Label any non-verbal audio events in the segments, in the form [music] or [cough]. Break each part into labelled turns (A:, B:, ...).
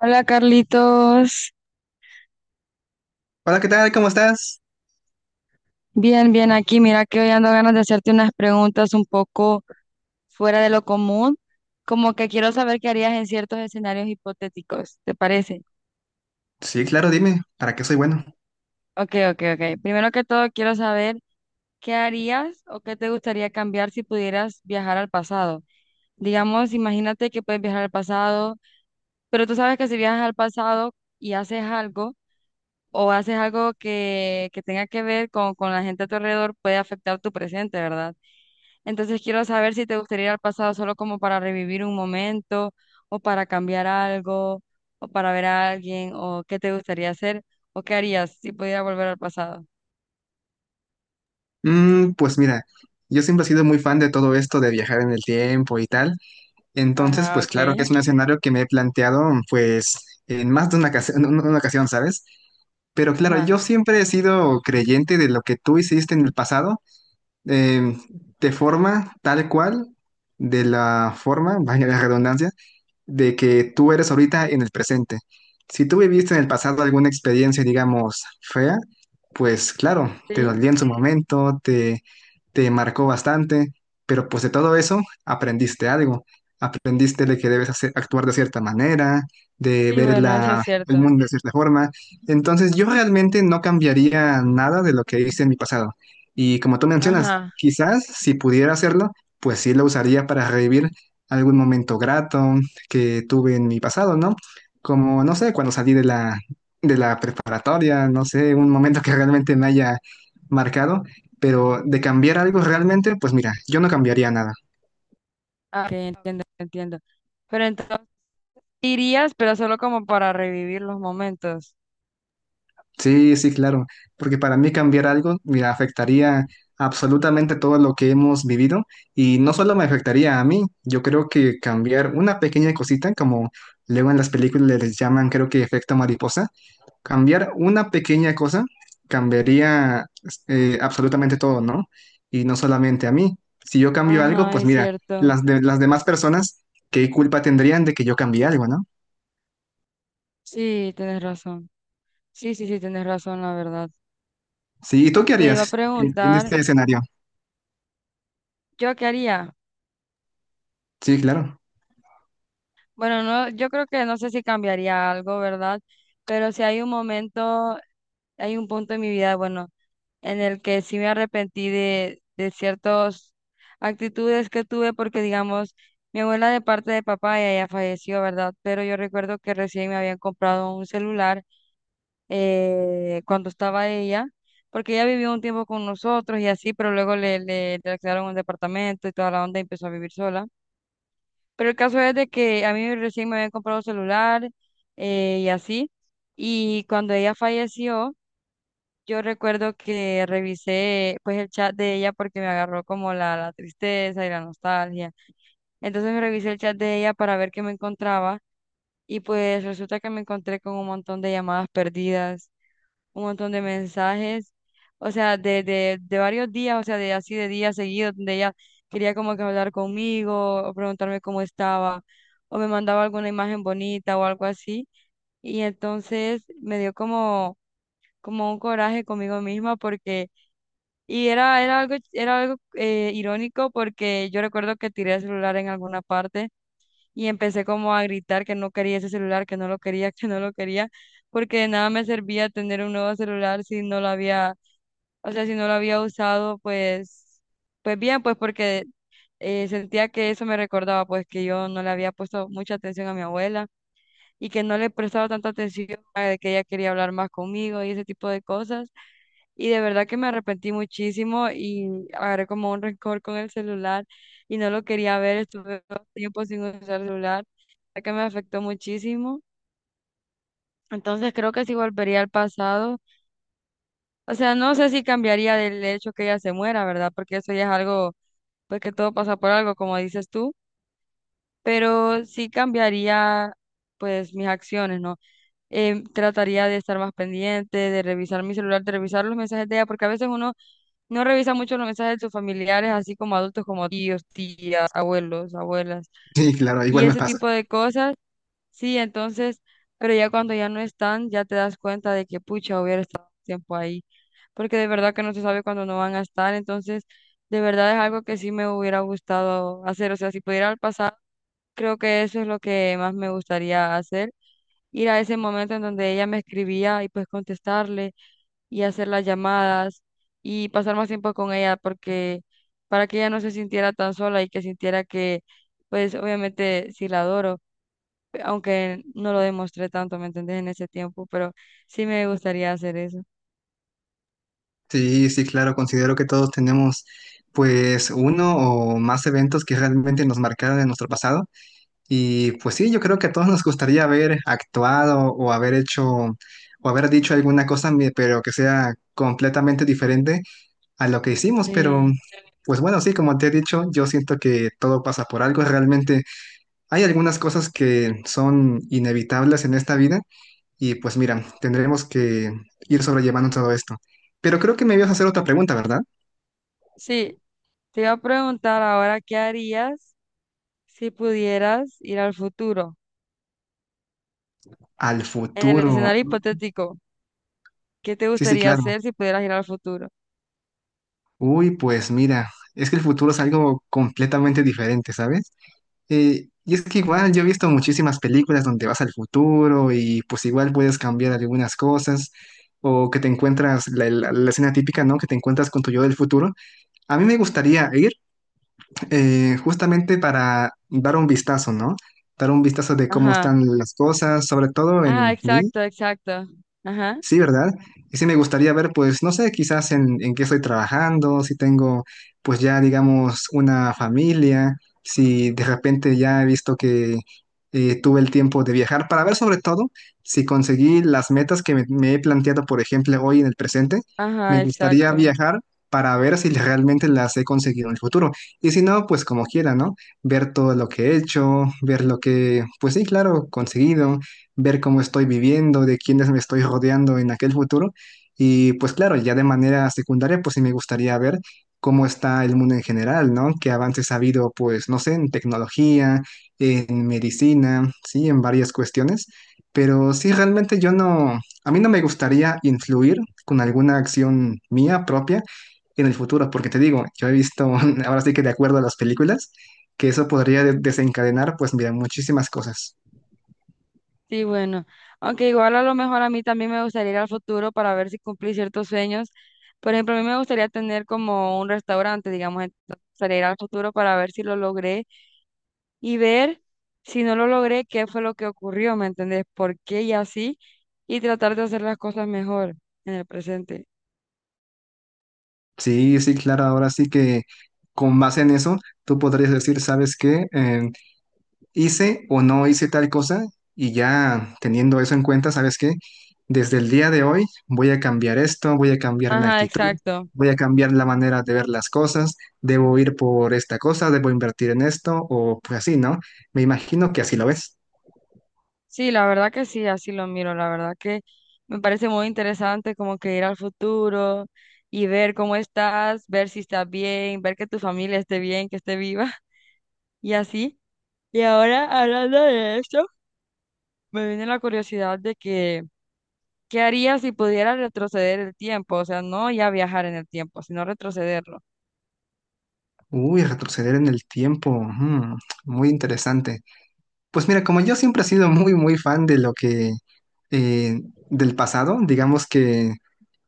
A: Hola Carlitos,
B: Hola, ¿qué tal? ¿Cómo estás?
A: bien, bien aquí. Mira que hoy ando ganas de hacerte unas preguntas un poco fuera de lo común, como que quiero saber qué harías en ciertos escenarios hipotéticos, ¿te parece?
B: Sí, claro, dime, ¿para qué soy bueno?
A: Ok, ok, ok. Primero que todo quiero saber qué harías o qué te gustaría cambiar si pudieras viajar al pasado. Digamos, imagínate que puedes viajar al pasado, pero tú sabes que si viajas al pasado y haces algo o haces algo que tenga que ver con la gente a tu alrededor, puede afectar tu presente, ¿verdad? Entonces quiero saber si te gustaría ir al pasado solo como para revivir un momento o para cambiar algo o para ver a alguien o qué te gustaría hacer o qué harías si pudiera volver al pasado.
B: Pues mira, yo siempre he sido muy fan de todo esto de viajar en el tiempo y tal. Entonces,
A: Ajá,
B: pues claro que
A: ok.
B: es un escenario que me he planteado, pues, en más de una ocasión, ¿sabes? Pero claro, yo
A: Ajá.
B: siempre he sido creyente de lo que tú hiciste en el pasado, eh, de forma tal cual, de la forma, vaya la redundancia, de que tú eres ahorita en el presente. Si tú viviste en el pasado alguna experiencia, digamos, fea, pues claro, te
A: Sí,
B: dolía en su momento, te marcó bastante, pero pues de todo eso aprendiste algo. Aprendiste de que actuar de cierta manera, de
A: sí,
B: ver
A: bueno, eso es
B: el
A: cierto.
B: mundo de cierta forma. Entonces yo realmente no cambiaría nada de lo que hice en mi pasado. Y como tú mencionas,
A: Ajá.
B: quizás si pudiera hacerlo, pues sí lo usaría para revivir algún momento grato que tuve en mi pasado, ¿no? Como, no sé, cuando salí de de la preparatoria, no sé, un momento que realmente me haya marcado, pero de cambiar algo realmente, pues mira, yo no cambiaría nada.
A: Ah, ok, entiendo, entiendo. Pero entonces irías, pero solo como para revivir los momentos.
B: Sí, sí, claro, porque para mí cambiar algo, mira, afectaría absolutamente todo lo que hemos vivido y no solo me afectaría a mí. Yo creo que cambiar una pequeña cosita, como luego en las películas les llaman, creo que efecto mariposa. Cambiar una pequeña cosa cambiaría absolutamente todo, ¿no? Y no solamente a mí. Si yo cambio algo,
A: Ajá,
B: pues
A: es
B: mira,
A: cierto.
B: las demás personas, ¿qué culpa tendrían de que yo cambie algo?, ¿no?
A: Sí, tienes razón. Sí, sí, sí, tienes razón, la verdad.
B: Sí, ¿y tú qué
A: Te iba a
B: harías en
A: preguntar,
B: este escenario?
A: ¿yo qué haría?
B: Sí, claro. [laughs]
A: Bueno, no, yo creo que no sé si cambiaría algo, ¿verdad? Pero si hay un momento, hay un punto en mi vida, bueno, en el que sí me arrepentí de ciertas actitudes que tuve, porque digamos, mi abuela de parte de papá ella ya falleció, ¿verdad? Pero yo recuerdo que recién me habían comprado un celular cuando estaba ella, porque ella vivió un tiempo con nosotros y así, pero luego le alquilaron un departamento y toda la onda y empezó a vivir sola. Pero el caso es de que a mí recién me habían comprado celular, y así. Y cuando ella falleció, yo recuerdo que revisé pues el chat de ella porque me agarró como la tristeza y la nostalgia. Entonces me revisé el chat de ella para ver qué me encontraba y pues resulta que me encontré con un montón de llamadas perdidas, un montón de mensajes, o sea, de varios días, o sea, de así de días seguidos, donde ella quería como que hablar conmigo o preguntarme cómo estaba, o me mandaba alguna imagen bonita o algo así. Y entonces me dio como un coraje conmigo misma porque, y era algo irónico porque yo recuerdo que tiré el celular en alguna parte y empecé como a gritar que no quería ese celular, que no lo quería, [laughs] que no lo quería, porque de nada me servía tener un nuevo celular si no lo había o sea, si no lo había usado, pues bien, pues porque sentía que eso me recordaba, pues que yo no le había puesto mucha atención a mi abuela y que no le prestaba tanta atención a de que ella quería hablar más conmigo y ese tipo de cosas. Y de verdad que me arrepentí muchísimo y agarré como un rencor con el celular y no lo quería ver. Estuve dos tiempos sin usar celular, ya que me afectó muchísimo. Entonces creo que sí volvería al pasado. O sea, no sé si cambiaría del hecho que ella se muera, ¿verdad? Porque eso ya es algo porque todo pasa por algo, como dices tú, pero sí cambiaría pues mis acciones, ¿no? Trataría de estar más pendiente, de revisar mi celular, de revisar los mensajes de ella, porque a veces uno no revisa mucho los mensajes de sus familiares, así como adultos, como tíos, tías, abuelos, abuelas,
B: Sí, claro,
A: y
B: igual me
A: ese
B: pasa.
A: tipo de cosas. Sí, entonces, pero ya cuando ya no están, ya te das cuenta de que pucha, hubiera estado tiempo ahí, porque de verdad que no se sabe cuándo no van a estar, entonces, de verdad es algo que sí me hubiera gustado hacer, o sea, si pudiera al pasado, creo que eso es lo que más me gustaría hacer, ir a ese momento en donde ella me escribía y pues contestarle y hacer las llamadas y pasar más tiempo con ella, porque para que ella no se sintiera tan sola y que sintiera que, pues obviamente sí la adoro aunque no lo demostré tanto, ¿me entendés? En ese tiempo, pero sí me gustaría hacer eso.
B: Sí, sí, claro, considero que todos tenemos pues uno o más eventos que realmente nos marcaron en nuestro pasado. Y pues sí, yo creo que a todos nos gustaría haber actuado o haber hecho o haber dicho alguna pero que sea completamente diferente a lo que hicimos. Pero
A: Sí,
B: pues bueno, sí, como te he dicho, yo siento que todo pasa por algo. Realmente hay algunas cosas que son inevitables en esta vida y pues mira, tendremos que ir sobrellevando todo esto. Pero creo que me ibas a hacer otra pregunta, ¿verdad?
A: sí, te iba a preguntar ahora, ¿qué harías si pudieras ir al futuro?
B: Al
A: En el
B: futuro.
A: escenario hipotético, ¿qué te
B: Sí, sí,
A: gustaría
B: claro.
A: hacer si pudieras ir al futuro?
B: Uy, pues mira, es que el futuro es algo completamente diferente, ¿sabes? Y es que igual yo he visto muchísimas películas donde vas al futuro y pues igual puedes cambiar algunas cosas o que te encuentras la escena típica, ¿no? Que te encuentras con tu yo del futuro. A mí me gustaría ir justamente para dar un vistazo, ¿no? Dar un vistazo de cómo
A: Ajá,
B: están las cosas, sobre todo
A: ajá,
B: en mí.
A: exacto, exacto. Ajá,
B: Sí, ¿verdad? Y sí me gustaría ver, pues, no sé, quizás en qué estoy trabajando, si tengo, pues ya, digamos, una familia, si de repente ya he visto que tuve el tiempo de viajar, para ver sobre todo si conseguí las metas que me he planteado, por ejemplo, hoy en el presente.
A: ajá,
B: Me gustaría
A: exacto.
B: viajar para ver si [laughs] realmente las he conseguido en el futuro. Y si no, pues como quiera, ¿no? Ver todo lo que he hecho, ver lo que, pues sí, claro, conseguido, ver cómo estoy viviendo, de quiénes me estoy rodeando en aquel futuro. Y pues claro, ya de manera secundaria, pues sí me gustaría ver cómo está el mundo en general, ¿no? Qué avances ha habido, pues, no sé, en tecnología, en medicina, sí, en varias cuestiones. Pero sí, realmente yo no, a mí no me gustaría influir con alguna acción mía propia en el futuro, porque te digo, yo he visto, [laughs] ahora sí que de acuerdo a las películas, que eso podría desencadenar, pues, mira, muchísimas cosas.
A: Sí, bueno, aunque igual a lo mejor a mí también me gustaría ir al futuro para ver si cumplí ciertos sueños. Por ejemplo, a mí me gustaría tener como un restaurante, digamos, entonces me gustaría ir al futuro para ver si lo logré y ver si no lo logré, qué fue lo que ocurrió, ¿me entendés? ¿Por qué y así? Y tratar de hacer las cosas mejor en el presente.
B: Sí, sí, claro, ahora sí que con base en eso, tú podrías decir, ¿sabes qué? Hice o no hice tal cosa, y ya teniendo eso en cuenta, ¿sabes qué? Desde el día de hoy voy a cambiar esto, voy a cambiar mi
A: Ajá,
B: actitud,
A: exacto.
B: voy a cambiar la manera de ver las cosas, debo ir por esta cosa, debo invertir en esto o pues así, ¿no? Me imagino que así lo ves.
A: Sí, la verdad que sí, así lo miro. La verdad que me parece muy interesante como que ir al futuro y ver cómo estás, ver si estás bien, ver que tu familia esté bien, que esté viva [laughs] y así. Y ahora, hablando de eso, me viene la curiosidad de que, ¿qué harías si pudieras retroceder el tiempo? O sea, no ya viajar en el tiempo, sino retrocederlo.
B: Uy, retroceder en el tiempo, ujú, muy interesante. Pues mira, como yo siempre he sido muy, muy fan de lo que, eh, del pasado, digamos que,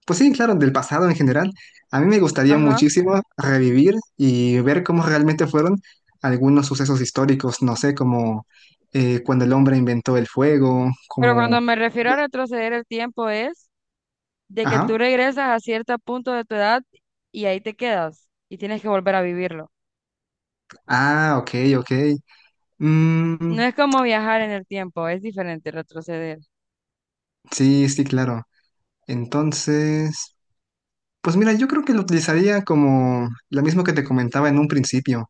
B: pues sí, claro, del pasado en general, a mí me gustaría
A: Ajá.
B: muchísimo revivir y ver cómo realmente fueron algunos sucesos históricos, no sé, como cuando el hombre inventó el fuego,
A: Pero cuando
B: como,
A: me refiero a retroceder el tiempo es de que tú
B: ajá,
A: regresas a cierto punto de tu edad y ahí te quedas y tienes que volver a vivirlo.
B: ah, ok, ok,
A: No
B: Mm,
A: es como viajar en el tiempo, es diferente retroceder.
B: sí, sí, claro. Entonces, pues mira, yo creo que lo utilizaría como lo mismo que te comentaba en un principio.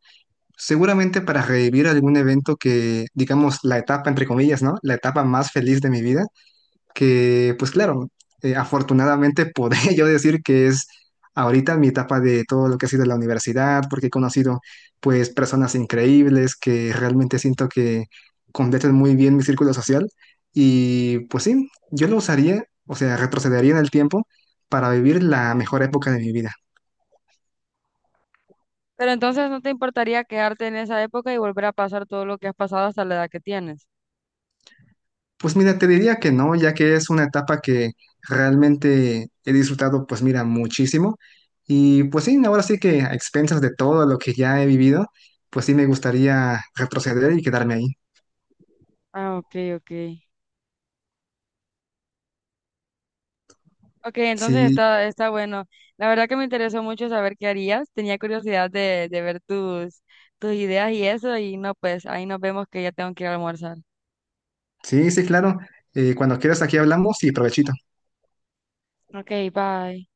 B: Seguramente para revivir algún evento que, digamos, la etapa, entre comillas, ¿no?, la etapa más feliz de mi vida, que pues claro, afortunadamente podría [laughs] yo decir que es ahorita mi etapa de todo lo que ha sido la universidad, porque he conocido pues personas increíbles que realmente siento que completan muy bien mi círculo social, y pues sí, yo lo usaría, o sea, retrocedería en el tiempo para vivir la mejor época de mi vida.
A: Pero entonces no te importaría quedarte en esa época y volver a pasar todo lo que has pasado hasta la edad que tienes.
B: Pues mira, te diría que no, ya que es una etapa que realmente he disfrutado, pues mira, muchísimo. Y pues sí, ahora sí que a expensas de todo lo que ya he vivido, pues sí me gustaría retroceder y quedarme ahí.
A: Ah, ok, ok. Ok, entonces
B: Sí,
A: está bueno. La verdad que me interesó mucho saber qué harías. Tenía curiosidad de ver tus ideas y eso. Y no, pues ahí nos vemos que ya tengo que ir a almorzar.
B: sí, sí, claro. Cuando quieras aquí hablamos y provechito.
A: Ok, bye.